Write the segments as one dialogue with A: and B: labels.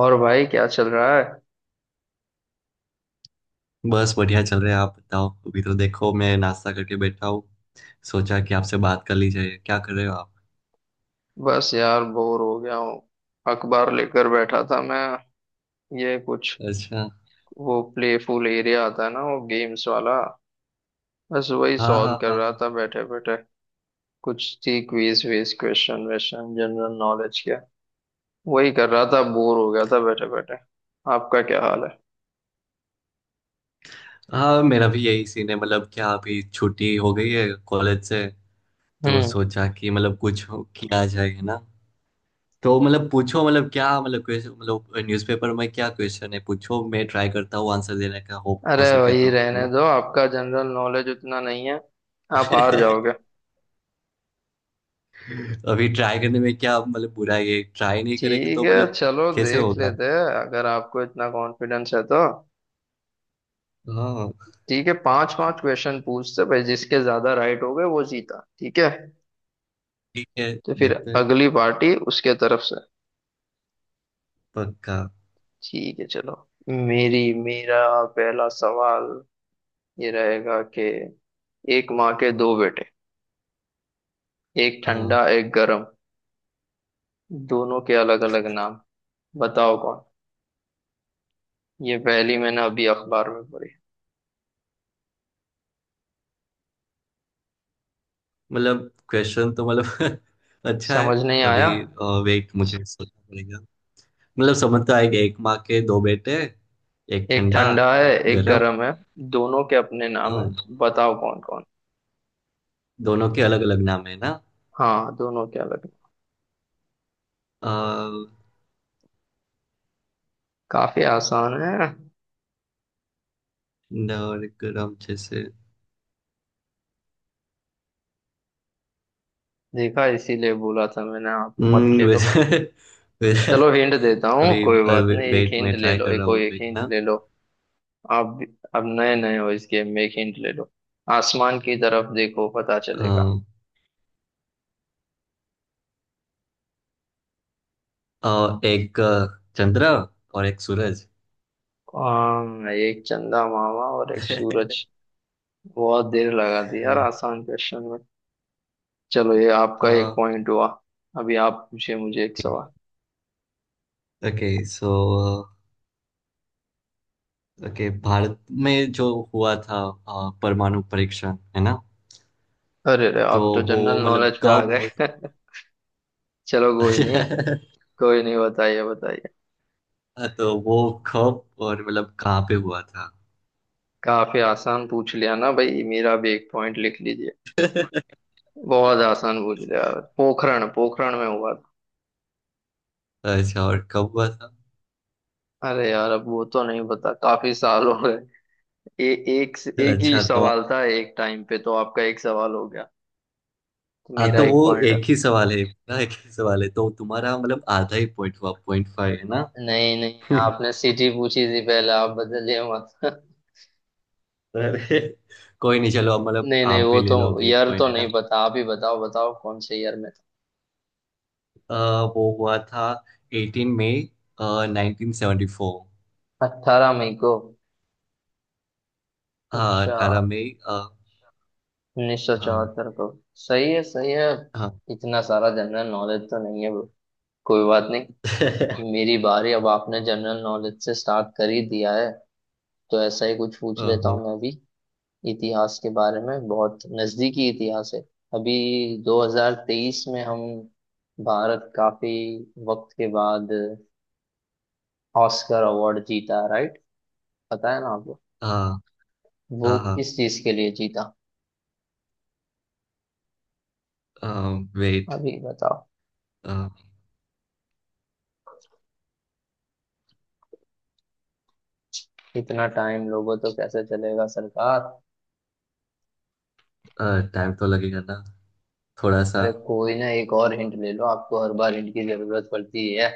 A: और भाई क्या चल रहा है?
B: बस बढ़िया चल रहा है। आप बताओ। अभी तो देखो मैं नाश्ता करके बैठा हूँ। सोचा कि आपसे बात कर ली जाए। क्या कर रहे हो आप?
A: बस यार बोर हो गया हूँ। अखबार लेकर बैठा था मैं। ये कुछ,
B: अच्छा।
A: वो प्लेफुल एरिया आता है ना, वो गेम्स वाला। बस वही
B: हाँ
A: सॉल्व
B: हाँ
A: कर
B: हाँ।
A: रहा था बैठे बैठे। कुछ थी क्विज विज क्वेश्चन वेश्चन जनरल नॉलेज के। वही कर रहा था, बोर हो गया था बैठे बैठे। आपका क्या हाल है?
B: हाँ हाँ मेरा भी यही सीन है। मतलब क्या अभी छुट्टी हो गई है कॉलेज से। तो
A: हम्म।
B: सोचा कि मतलब किया जाए है ना। तो मतलब पूछो। मतलब क्या मतलब क्वेश्चन मतलब न्यूज़पेपर में क्या क्वेश्चन है, पूछो। मैं ट्राई करता हूँ आंसर देने का, हो
A: अरे
B: हो सके
A: वही
B: तो, है
A: रहने
B: ना।
A: दो, आपका जनरल नॉलेज उतना नहीं है। आप हार जाओगे।
B: अभी ट्राई करने में क्या मतलब बुराई है। ट्राई नहीं करेंगे
A: ठीक
B: तो
A: है,
B: मतलब
A: चलो
B: कैसे
A: देख
B: होगा, है
A: लेते
B: ना?
A: हैं अगर आपको इतना कॉन्फिडेंस है तो।
B: हाँ।
A: ठीक है, पांच पांच क्वेश्चन पूछते भाई, जिसके ज्यादा राइट हो गए वो जीता, ठीक है?
B: ठीक है।
A: तो फिर
B: देखते हैं।
A: अगली पार्टी उसके तरफ से।
B: पक्का।
A: ठीक है चलो। मेरी मेरा पहला सवाल ये रहेगा कि एक माँ के दो बेटे, एक
B: अ,
A: ठंडा एक गरम, दोनों के अलग अलग नाम, बताओ कौन। ये पहली मैंने अभी अखबार में पढ़ी।
B: मतलब क्वेश्चन तो मतलब अच्छा है।
A: समझ नहीं
B: अभी
A: आया?
B: वेट, मुझे सोचना पड़ेगा। मतलब समझ तो आएगा। एक माँ के दो बेटे, एक
A: एक
B: ठंडा
A: ठंडा है
B: एक
A: एक
B: गरम।
A: गरम है। दोनों के अपने नाम है।
B: हाँ,
A: बताओ कौन कौन।
B: दोनों के अलग अलग नाम है ना।
A: हाँ दोनों के अलग।
B: अ,
A: काफी आसान है।
B: ठंडा और गरम जैसे।
A: देखा, इसीलिए बोला था मैंने आप मत खेलो।
B: वैसे, वैसे
A: चलो हिंट देता हूँ,
B: अभी
A: कोई बात नहीं, एक
B: वेट,
A: हिंट
B: में
A: ले
B: ट्राई
A: लो,
B: कर रहा
A: एक और
B: हूँ
A: एक
B: अभी, है
A: हिंट
B: ना।
A: ले लो। आप भी- अब नए नए हो इस गेम में, एक हिंट ले लो। आसमान की तरफ देखो पता चलेगा।
B: अ, एक चंद्र और एक सूरज।
A: आम, एक चंदा मामा और एक सूरज। बहुत देर लगा दी यार आसान क्वेश्चन में। चलो, ये आपका एक पॉइंट हुआ। अभी आप पूछिए मुझे एक
B: अ,
A: सवाल।
B: ओके। ओके, भारत में जो हुआ था, परमाणु परीक्षण, है ना।
A: अरे अरे,
B: तो
A: आप तो
B: वो
A: जनरल
B: मतलब
A: नॉलेज पे आ
B: कब
A: गए।
B: और
A: चलो कोई नहीं। कोई नहीं, बताइए बताइए।
B: तो वो कब और मतलब कहाँ पे हुआ था।
A: काफी आसान पूछ लिया ना भाई, मेरा भी एक पॉइंट लिख लीजिए। बहुत आसान पूछ लिया। पोखरण पोखरण में हुआ था।
B: अच्छा, और कब हुआ था।
A: अरे यार, अब वो तो नहीं पता, काफी साल हो गए। एक एक ही
B: अच्छा तो
A: सवाल था, एक टाइम पे, तो आपका एक सवाल हो गया। तो
B: हाँ,
A: मेरा
B: तो
A: एक
B: वो
A: पॉइंट।
B: एक ही सवाल है ना। एक ही सवाल है तो तुम्हारा मतलब आधा ही पॉइंट हुआ, 0.5, है ना।
A: नहीं नहीं, आपने सिटी पूछी थी पहले, आप बदलिए मत।
B: अरे कोई नहीं चलो, अब मतलब
A: नहीं नहीं,
B: आप
A: वो
B: भी ले
A: तो
B: लो, अभी एक
A: ईयर
B: पॉइंट
A: तो
B: है ना।
A: नहीं पता, आप ही बताओ बताओ कौन से ईयर में।
B: अ, वो हुआ था 18 मई 1974।
A: था 18 मई को।
B: हाँ
A: अच्छा,
B: 18 मई,
A: उन्नीस सौ
B: हाँ।
A: चौहत्तर को। सही है सही है।
B: हाँ।
A: इतना सारा जनरल नॉलेज तो नहीं है bro। कोई बात नहीं। मेरी बारी, अब आपने जनरल नॉलेज से स्टार्ट कर ही दिया है, तो ऐसा ही कुछ पूछ लेता
B: अहं,
A: हूँ मैं भी। इतिहास के बारे में, बहुत नजदीकी इतिहास है। अभी 2023 में हम भारत काफी वक्त के बाद ऑस्कर अवार्ड जीता, राइट? पता है ना आपको।
B: हाँ
A: वो
B: हाँ
A: किस चीज के लिए जीता?
B: हाँ। वेट।
A: अभी बताओ। इतना टाइम लोगों तो कैसे चलेगा सरकार।
B: टाइम तो लगेगा ना थोड़ा सा।
A: अरे कोई ना, एक और हिंट ले लो, आपको हर बार हिंट की जरूरत पड़ती है।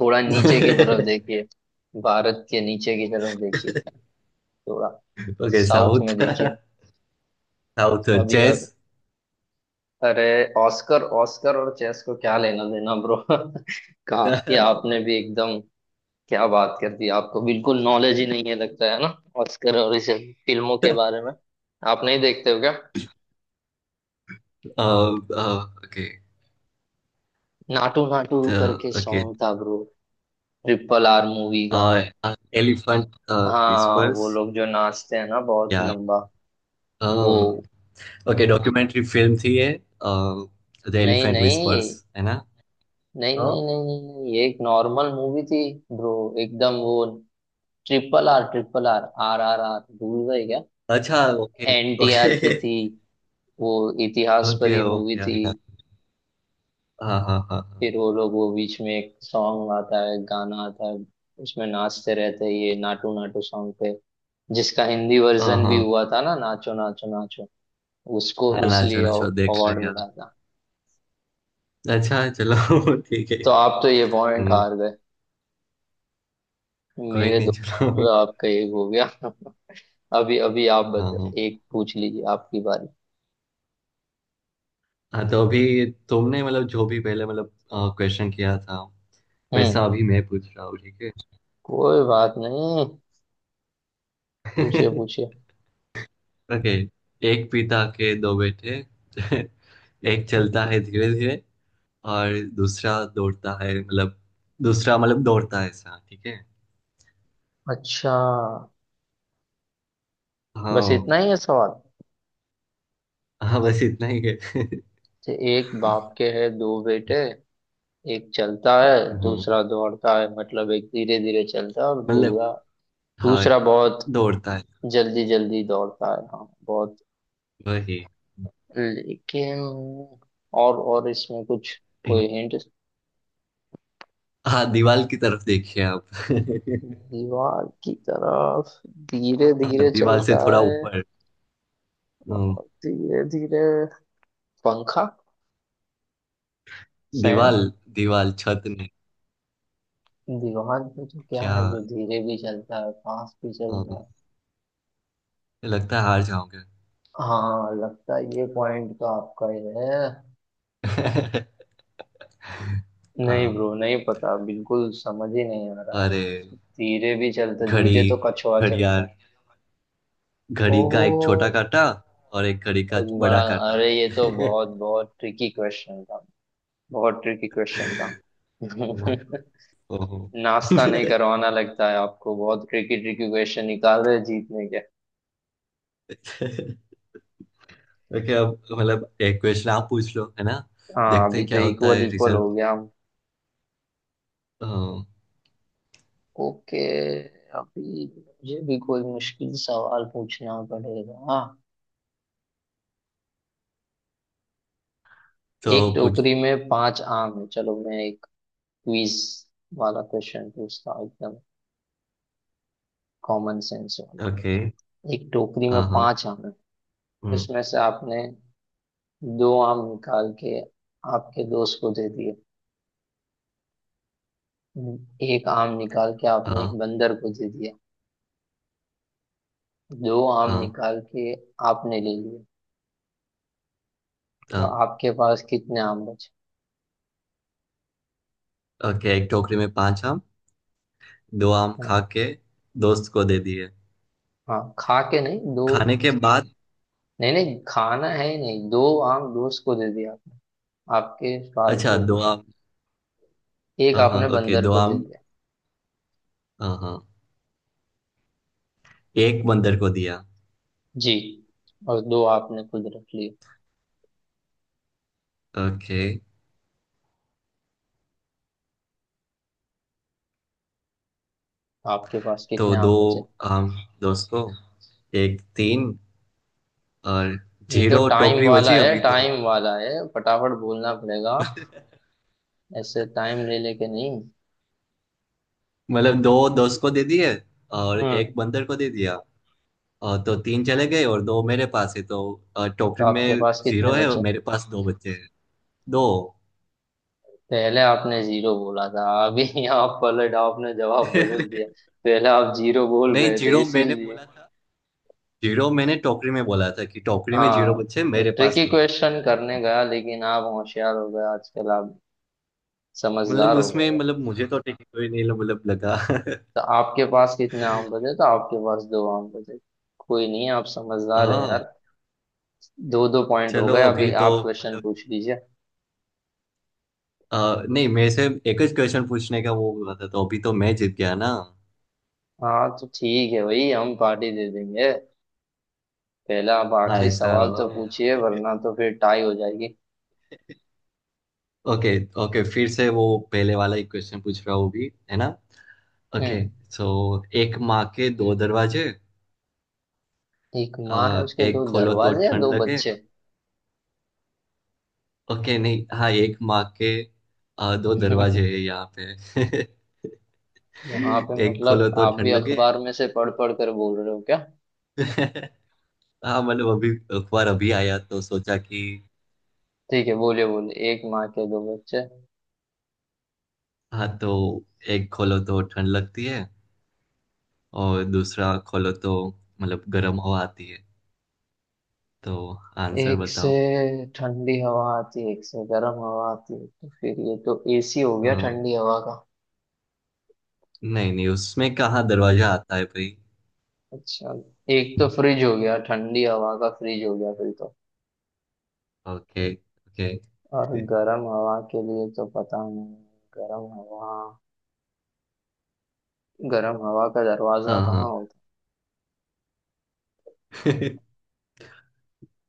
A: थोड़ा नीचे की तरफ देखिए। भारत के नीचे की तरफ देखिए थोड़ा।
B: Okay,
A: south
B: south.
A: में देखिए।
B: साउथ
A: अभी
B: चेस।
A: अब, अरे ऑस्कर, ऑस्कर और चेस को क्या लेना देना ब्रो। कहा ये आपने भी एकदम, क्या बात कर दी, आपको बिल्कुल नॉलेज ही नहीं है लगता है ना। ऑस्कर और इस फिल्मों के बारे में आप नहीं देखते हो क्या?
B: ओके
A: नाटू नाटू करके
B: ओके।
A: सॉन्ग था ब्रो, ट्रिपल आर मूवी का।
B: एलिफेंट
A: हाँ वो
B: विस्पर्स।
A: लोग जो नाचते हैं ना, बहुत
B: या
A: लंबा वो।
B: ओके, डॉक्यूमेंट्री फिल्म थी ये। द
A: नहीं
B: एलिफेंट विस्पर्स,
A: नहीं
B: है ना।
A: नहीं
B: हाँ?
A: नहीं नहीं नहीं नहीं, ये एक नॉर्मल मूवी थी ब्रो, एकदम वो, triple R, triple R, R R R भूल गए क्या?
B: अच्छा ओके।
A: एनटीआर
B: ओके
A: की थी वो, इतिहास
B: ओके
A: परी मूवी थी।
B: ओके। हाँ हाँ हाँ।
A: फिर वो लोग, वो बीच में एक सॉन्ग आता है, गाना आता है, उसमें नाचते रहते हैं ये नाटू नाटू सॉन्ग पे, जिसका हिंदी
B: हाँ
A: वर्जन भी
B: हाँ
A: हुआ था ना, नाचो नाचो नाचो। उसको
B: हाँ। हाँ, नाचो
A: उसलिए
B: नाचो देखा
A: अवार्ड
B: है यार।
A: मिला था।
B: अच्छा चलो ठीक है।
A: तो आप तो ये पॉइंट
B: हम्म,
A: हार गए।
B: कोई
A: मेरे दो
B: नहीं चलो।
A: पॉइंट हुए, आपका एक हो गया। अभी अभी आप
B: हाँ
A: बता,
B: हाँ।
A: एक पूछ लीजिए, आपकी बारी।
B: हाँ तो अभी तुमने मतलब जो भी पहले मतलब क्वेश्चन किया था, वैसा
A: हम्म।
B: अभी मैं पूछ रहा हूँ ठीक है।
A: कोई बात नहीं, पूछिए पूछिए।
B: ओके। एक पिता के दो बेटे। एक चलता
A: एक-
B: है धीरे धीरे और दूसरा दौड़ता है मतलब। दूसरा मतलब दौड़ता है, ऐसा ठीक है।
A: अच्छा। बस
B: हाँ।
A: इतना ही है सवाल?
B: हाँ बस इतना ही है।
A: तो एक बाप के है दो बेटे, एक चलता है,
B: हम्म,
A: दूसरा दौड़ता है, मतलब एक धीरे धीरे चलता है और
B: मतलब
A: दूसरा
B: हाँ
A: दूसरा बहुत
B: दौड़ता है
A: जल्दी जल्दी दौड़ता है, हाँ बहुत।
B: वही।
A: लेकिन, और इसमें कुछ, कोई हिंट?
B: हाँ, दीवाल की तरफ देखिए आप।
A: दीवार की तरफ, धीरे
B: हाँ
A: धीरे
B: दीवाल से
A: चलता
B: थोड़ा
A: है
B: ऊपर। अम,
A: और धीरे धीरे, पंखा, फैन।
B: दीवाल। दीवाल, छत नहीं।
A: दीवार पे तो क्या
B: क्या।
A: है जो धीरे भी चलता है फास्ट भी चलता
B: अम,
A: है।
B: लगता है हार जाओगे।
A: हाँ लगता है ये पॉइंट तो आपका ही है।
B: हाँ।
A: नहीं ब्रो, नहीं पता, बिल्कुल समझ ही नहीं आ रहा है।
B: अरे
A: धीरे भी चलता है, धीरे
B: घड़ी।
A: तो कछुआ चलता
B: घड़ियाल।
A: है।
B: घड़ी का एक छोटा
A: ओह।
B: काटा और एक घड़ी का
A: बहुत बड़ा।
B: बड़ा काटा।
A: अरे ये तो
B: है
A: बहुत बहुत ट्रिकी क्वेश्चन था। बहुत ट्रिकी क्वेश्चन था।
B: ना। ओहो।
A: नाश्ता नहीं करवाना लगता है आपको, बहुत ट्रिकी ट्रिकी क्वेश्चन निकाल रहे हैं जीतने के।
B: ओके, अब मतलब एक क्वेश्चन आप पूछ लो, है ना।
A: हाँ,
B: देखते
A: अभी
B: हैं
A: तो
B: क्या होता
A: इक्वल
B: है
A: इक्वल
B: रिजल्ट।
A: हो गया हम। ओके, अभी मुझे भी कोई मुश्किल सवाल पूछना पड़ेगा, हाँ।
B: तो
A: एक
B: पूछ।
A: टोकरी में पांच आम है, चलो मैं एक क्विज वाला क्वेश्चन पूछता हूँ एकदम, कॉमन सेंस वाला।
B: ओके।
A: एक टोकरी में
B: हाँ हाँ।
A: पांच आम है,
B: हम्म,
A: उसमें से आपने दो आम निकाल के आपके दोस्त को दे दिए, एक आम निकाल के आपने
B: हाँ
A: एक बंदर को दे दिया, दो आम
B: हाँ
A: निकाल के आपने ले लिए, तो
B: हाँ।
A: आपके पास कितने आम बचे
B: ओके, एक टोकरी में पांच आम। दो आम
A: हैं?
B: खा के दोस्त को दे दिए।
A: हाँ, खा के नहीं, दो।
B: खाने के बाद।
A: नहीं नहीं, खाना है ही नहीं। दो आम दोस्त को दे दिया आपने, आपके पास
B: अच्छा
A: जो भी
B: दो
A: था।
B: आम।
A: एक
B: हाँ हाँ
A: आपने
B: ओके,
A: बंदर
B: दो
A: को दे
B: आम।
A: दिया
B: हाँ हाँ, एक बंदर को दिया।
A: जी, और दो आपने खुद रख लिए।
B: ओके।
A: आपके पास
B: तो
A: कितने
B: दो
A: आम बचे?
B: आम दोस्त को, एक तीन, और
A: ये तो
B: जीरो
A: टाइम
B: टोकरी
A: वाला
B: बची
A: है,
B: अभी तो।
A: टाइम वाला है, फटाफट बोलना पड़ेगा, ऐसे टाइम ले लेके नहीं।
B: मतलब दो दोस्त को दे दिए और एक
A: हम्म।
B: बंदर को दे दिया, और तो तीन चले गए और दो मेरे पास है तो
A: तो
B: टोकरी
A: आपके
B: में
A: पास
B: जीरो
A: कितने
B: है और
A: बचे?
B: मेरे पास दो बचे हैं। दो।
A: पहले आपने जीरो बोला था, अभी यहाँ पलट आपने जवाब बदल दिया।
B: नहीं,
A: पहले आप जीरो बोल गए थे
B: जीरो मैंने
A: इसीलिए।
B: बोला था। जीरो मैंने टोकरी में बोला था कि टोकरी में जीरो
A: हाँ।
B: बच्चे हैं,
A: तो
B: मेरे पास
A: ट्रिकी
B: दो बच्चे
A: क्वेश्चन
B: हैं।
A: करने गया, लेकिन आप होशियार हो गए आजकल, आप
B: मतलब
A: समझदार हो गए
B: उसमें
A: हो।
B: मतलब मुझे तो ठीक कोई नहीं लग- मतलब लगा।
A: तो आपके पास कितने आम बचे? तो आपके पास दो आम बचे। कोई नहीं, आप समझदार है
B: हाँ
A: यार। दो दो पॉइंट हो
B: चलो,
A: गए, अभी
B: अभी तो
A: आप क्वेश्चन
B: मतलब
A: पूछ लीजिए।
B: नहीं, मेरे से एक ही क्वेश्चन पूछने का वो हुआ था, तो अभी तो मैं जीत गया ना।
A: हाँ तो ठीक है भाई, हम पार्टी दे देंगे। पहले आप
B: हाँ
A: आखिरी
B: ऐसा।
A: सवाल तो पूछिए, वरना तो फिर टाई हो जाएगी।
B: ओके। ओके, फिर से वो पहले वाला एक क्वेश्चन पूछ रहा हूँ भी, है ना। ओके।
A: हम्म।
B: सो एक माँ के दो दरवाजे।
A: एक
B: अ,
A: माँ है उसके
B: एक
A: दो
B: खोलो तो
A: दरवाजे या
B: ठंड
A: दो
B: लगे।
A: बच्चे?
B: ओके नहीं, हाँ एक माँ के, दो दरवाजे
A: यहाँ
B: हैं यहाँ पे।
A: पे
B: एक खोलो
A: मतलब
B: तो
A: आप भी
B: ठंड लगे।
A: अखबार में से पढ़ पढ़ कर बोल रहे हो क्या?
B: हाँ मतलब अभी अखबार अभी आया तो सोचा कि।
A: ठीक है, बोलिए बोलिए, एक माँ के दो बच्चे।
B: हाँ तो एक खोलो तो ठंड लगती है और दूसरा खोलो तो मतलब गर्म हवा आती है। तो आंसर
A: एक से
B: बताओ।
A: ठंडी हवा आती है, एक से गर्म हवा आती है, तो फिर ये तो एसी हो गया
B: हाँ।
A: ठंडी हवा का।
B: नहीं नहीं, उसमें कहाँ दरवाजा आता है भाई।
A: अच्छा। एक तो फ्रिज हो गया ठंडी हवा का, फ्रिज हो गया फिर तो।
B: Okay okay.
A: और गर्म हवा के लिए तो पता नहीं। गर्म हवा, गर्म हवा का दरवाजा
B: हाँ
A: कहाँ
B: हाँ।
A: होता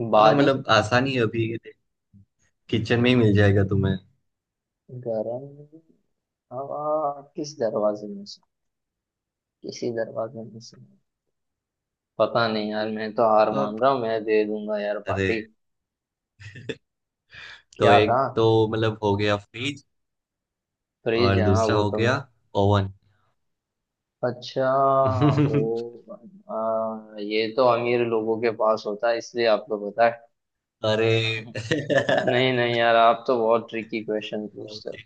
A: है
B: हाँ
A: बारी।
B: मतलब आसानी है अभी, किचन में ही मिल जाएगा तुम्हें।
A: गर्म हवा किस दरवाजे में से, किसी दरवाजे में से, पता नहीं यार, मैं तो हार मान रहा
B: ओके।
A: हूँ, मैं दे दूंगा यार
B: अरे।
A: पार्टी।
B: तो
A: क्या था?
B: एक तो मतलब हो गया फ्रिज,
A: फ्रिज,
B: और
A: हाँ
B: दूसरा
A: वो
B: हो
A: तो मैं।
B: गया ओवन।
A: अच्छा। ओ। ये तो अमीर लोगों के पास होता है इसलिए आपको पता है।
B: अरे।
A: नहीं नहीं यार, आप तो बहुत ट्रिकी क्वेश्चन पूछते हो।
B: कोई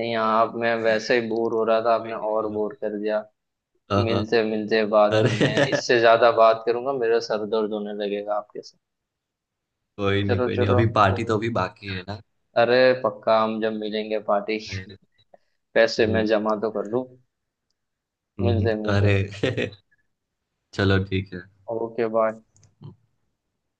A: नहीं आप, मैं वैसे ही बोर हो रहा था, आपने
B: नहीं
A: और
B: चलो।
A: बोर कर दिया।
B: हाँ हाँ।
A: मिलते मिलते बाद में, मैं
B: अरे।
A: इससे ज्यादा बात करूंगा मेरा सर दर्द होने लगेगा आपके साथ।
B: कोई नहीं
A: चलो
B: कोई नहीं,
A: चलो,
B: अभी पार्टी
A: कोई
B: तो
A: नहीं।
B: अभी बाकी है ना।
A: अरे पक्का, हम जब मिलेंगे पार्टी।
B: अरे।
A: पैसे मैं
B: हम्म,
A: जमा तो कर लूं। मिलते मिलते।
B: अरे। चलो ठीक
A: ओके बाय।
B: है।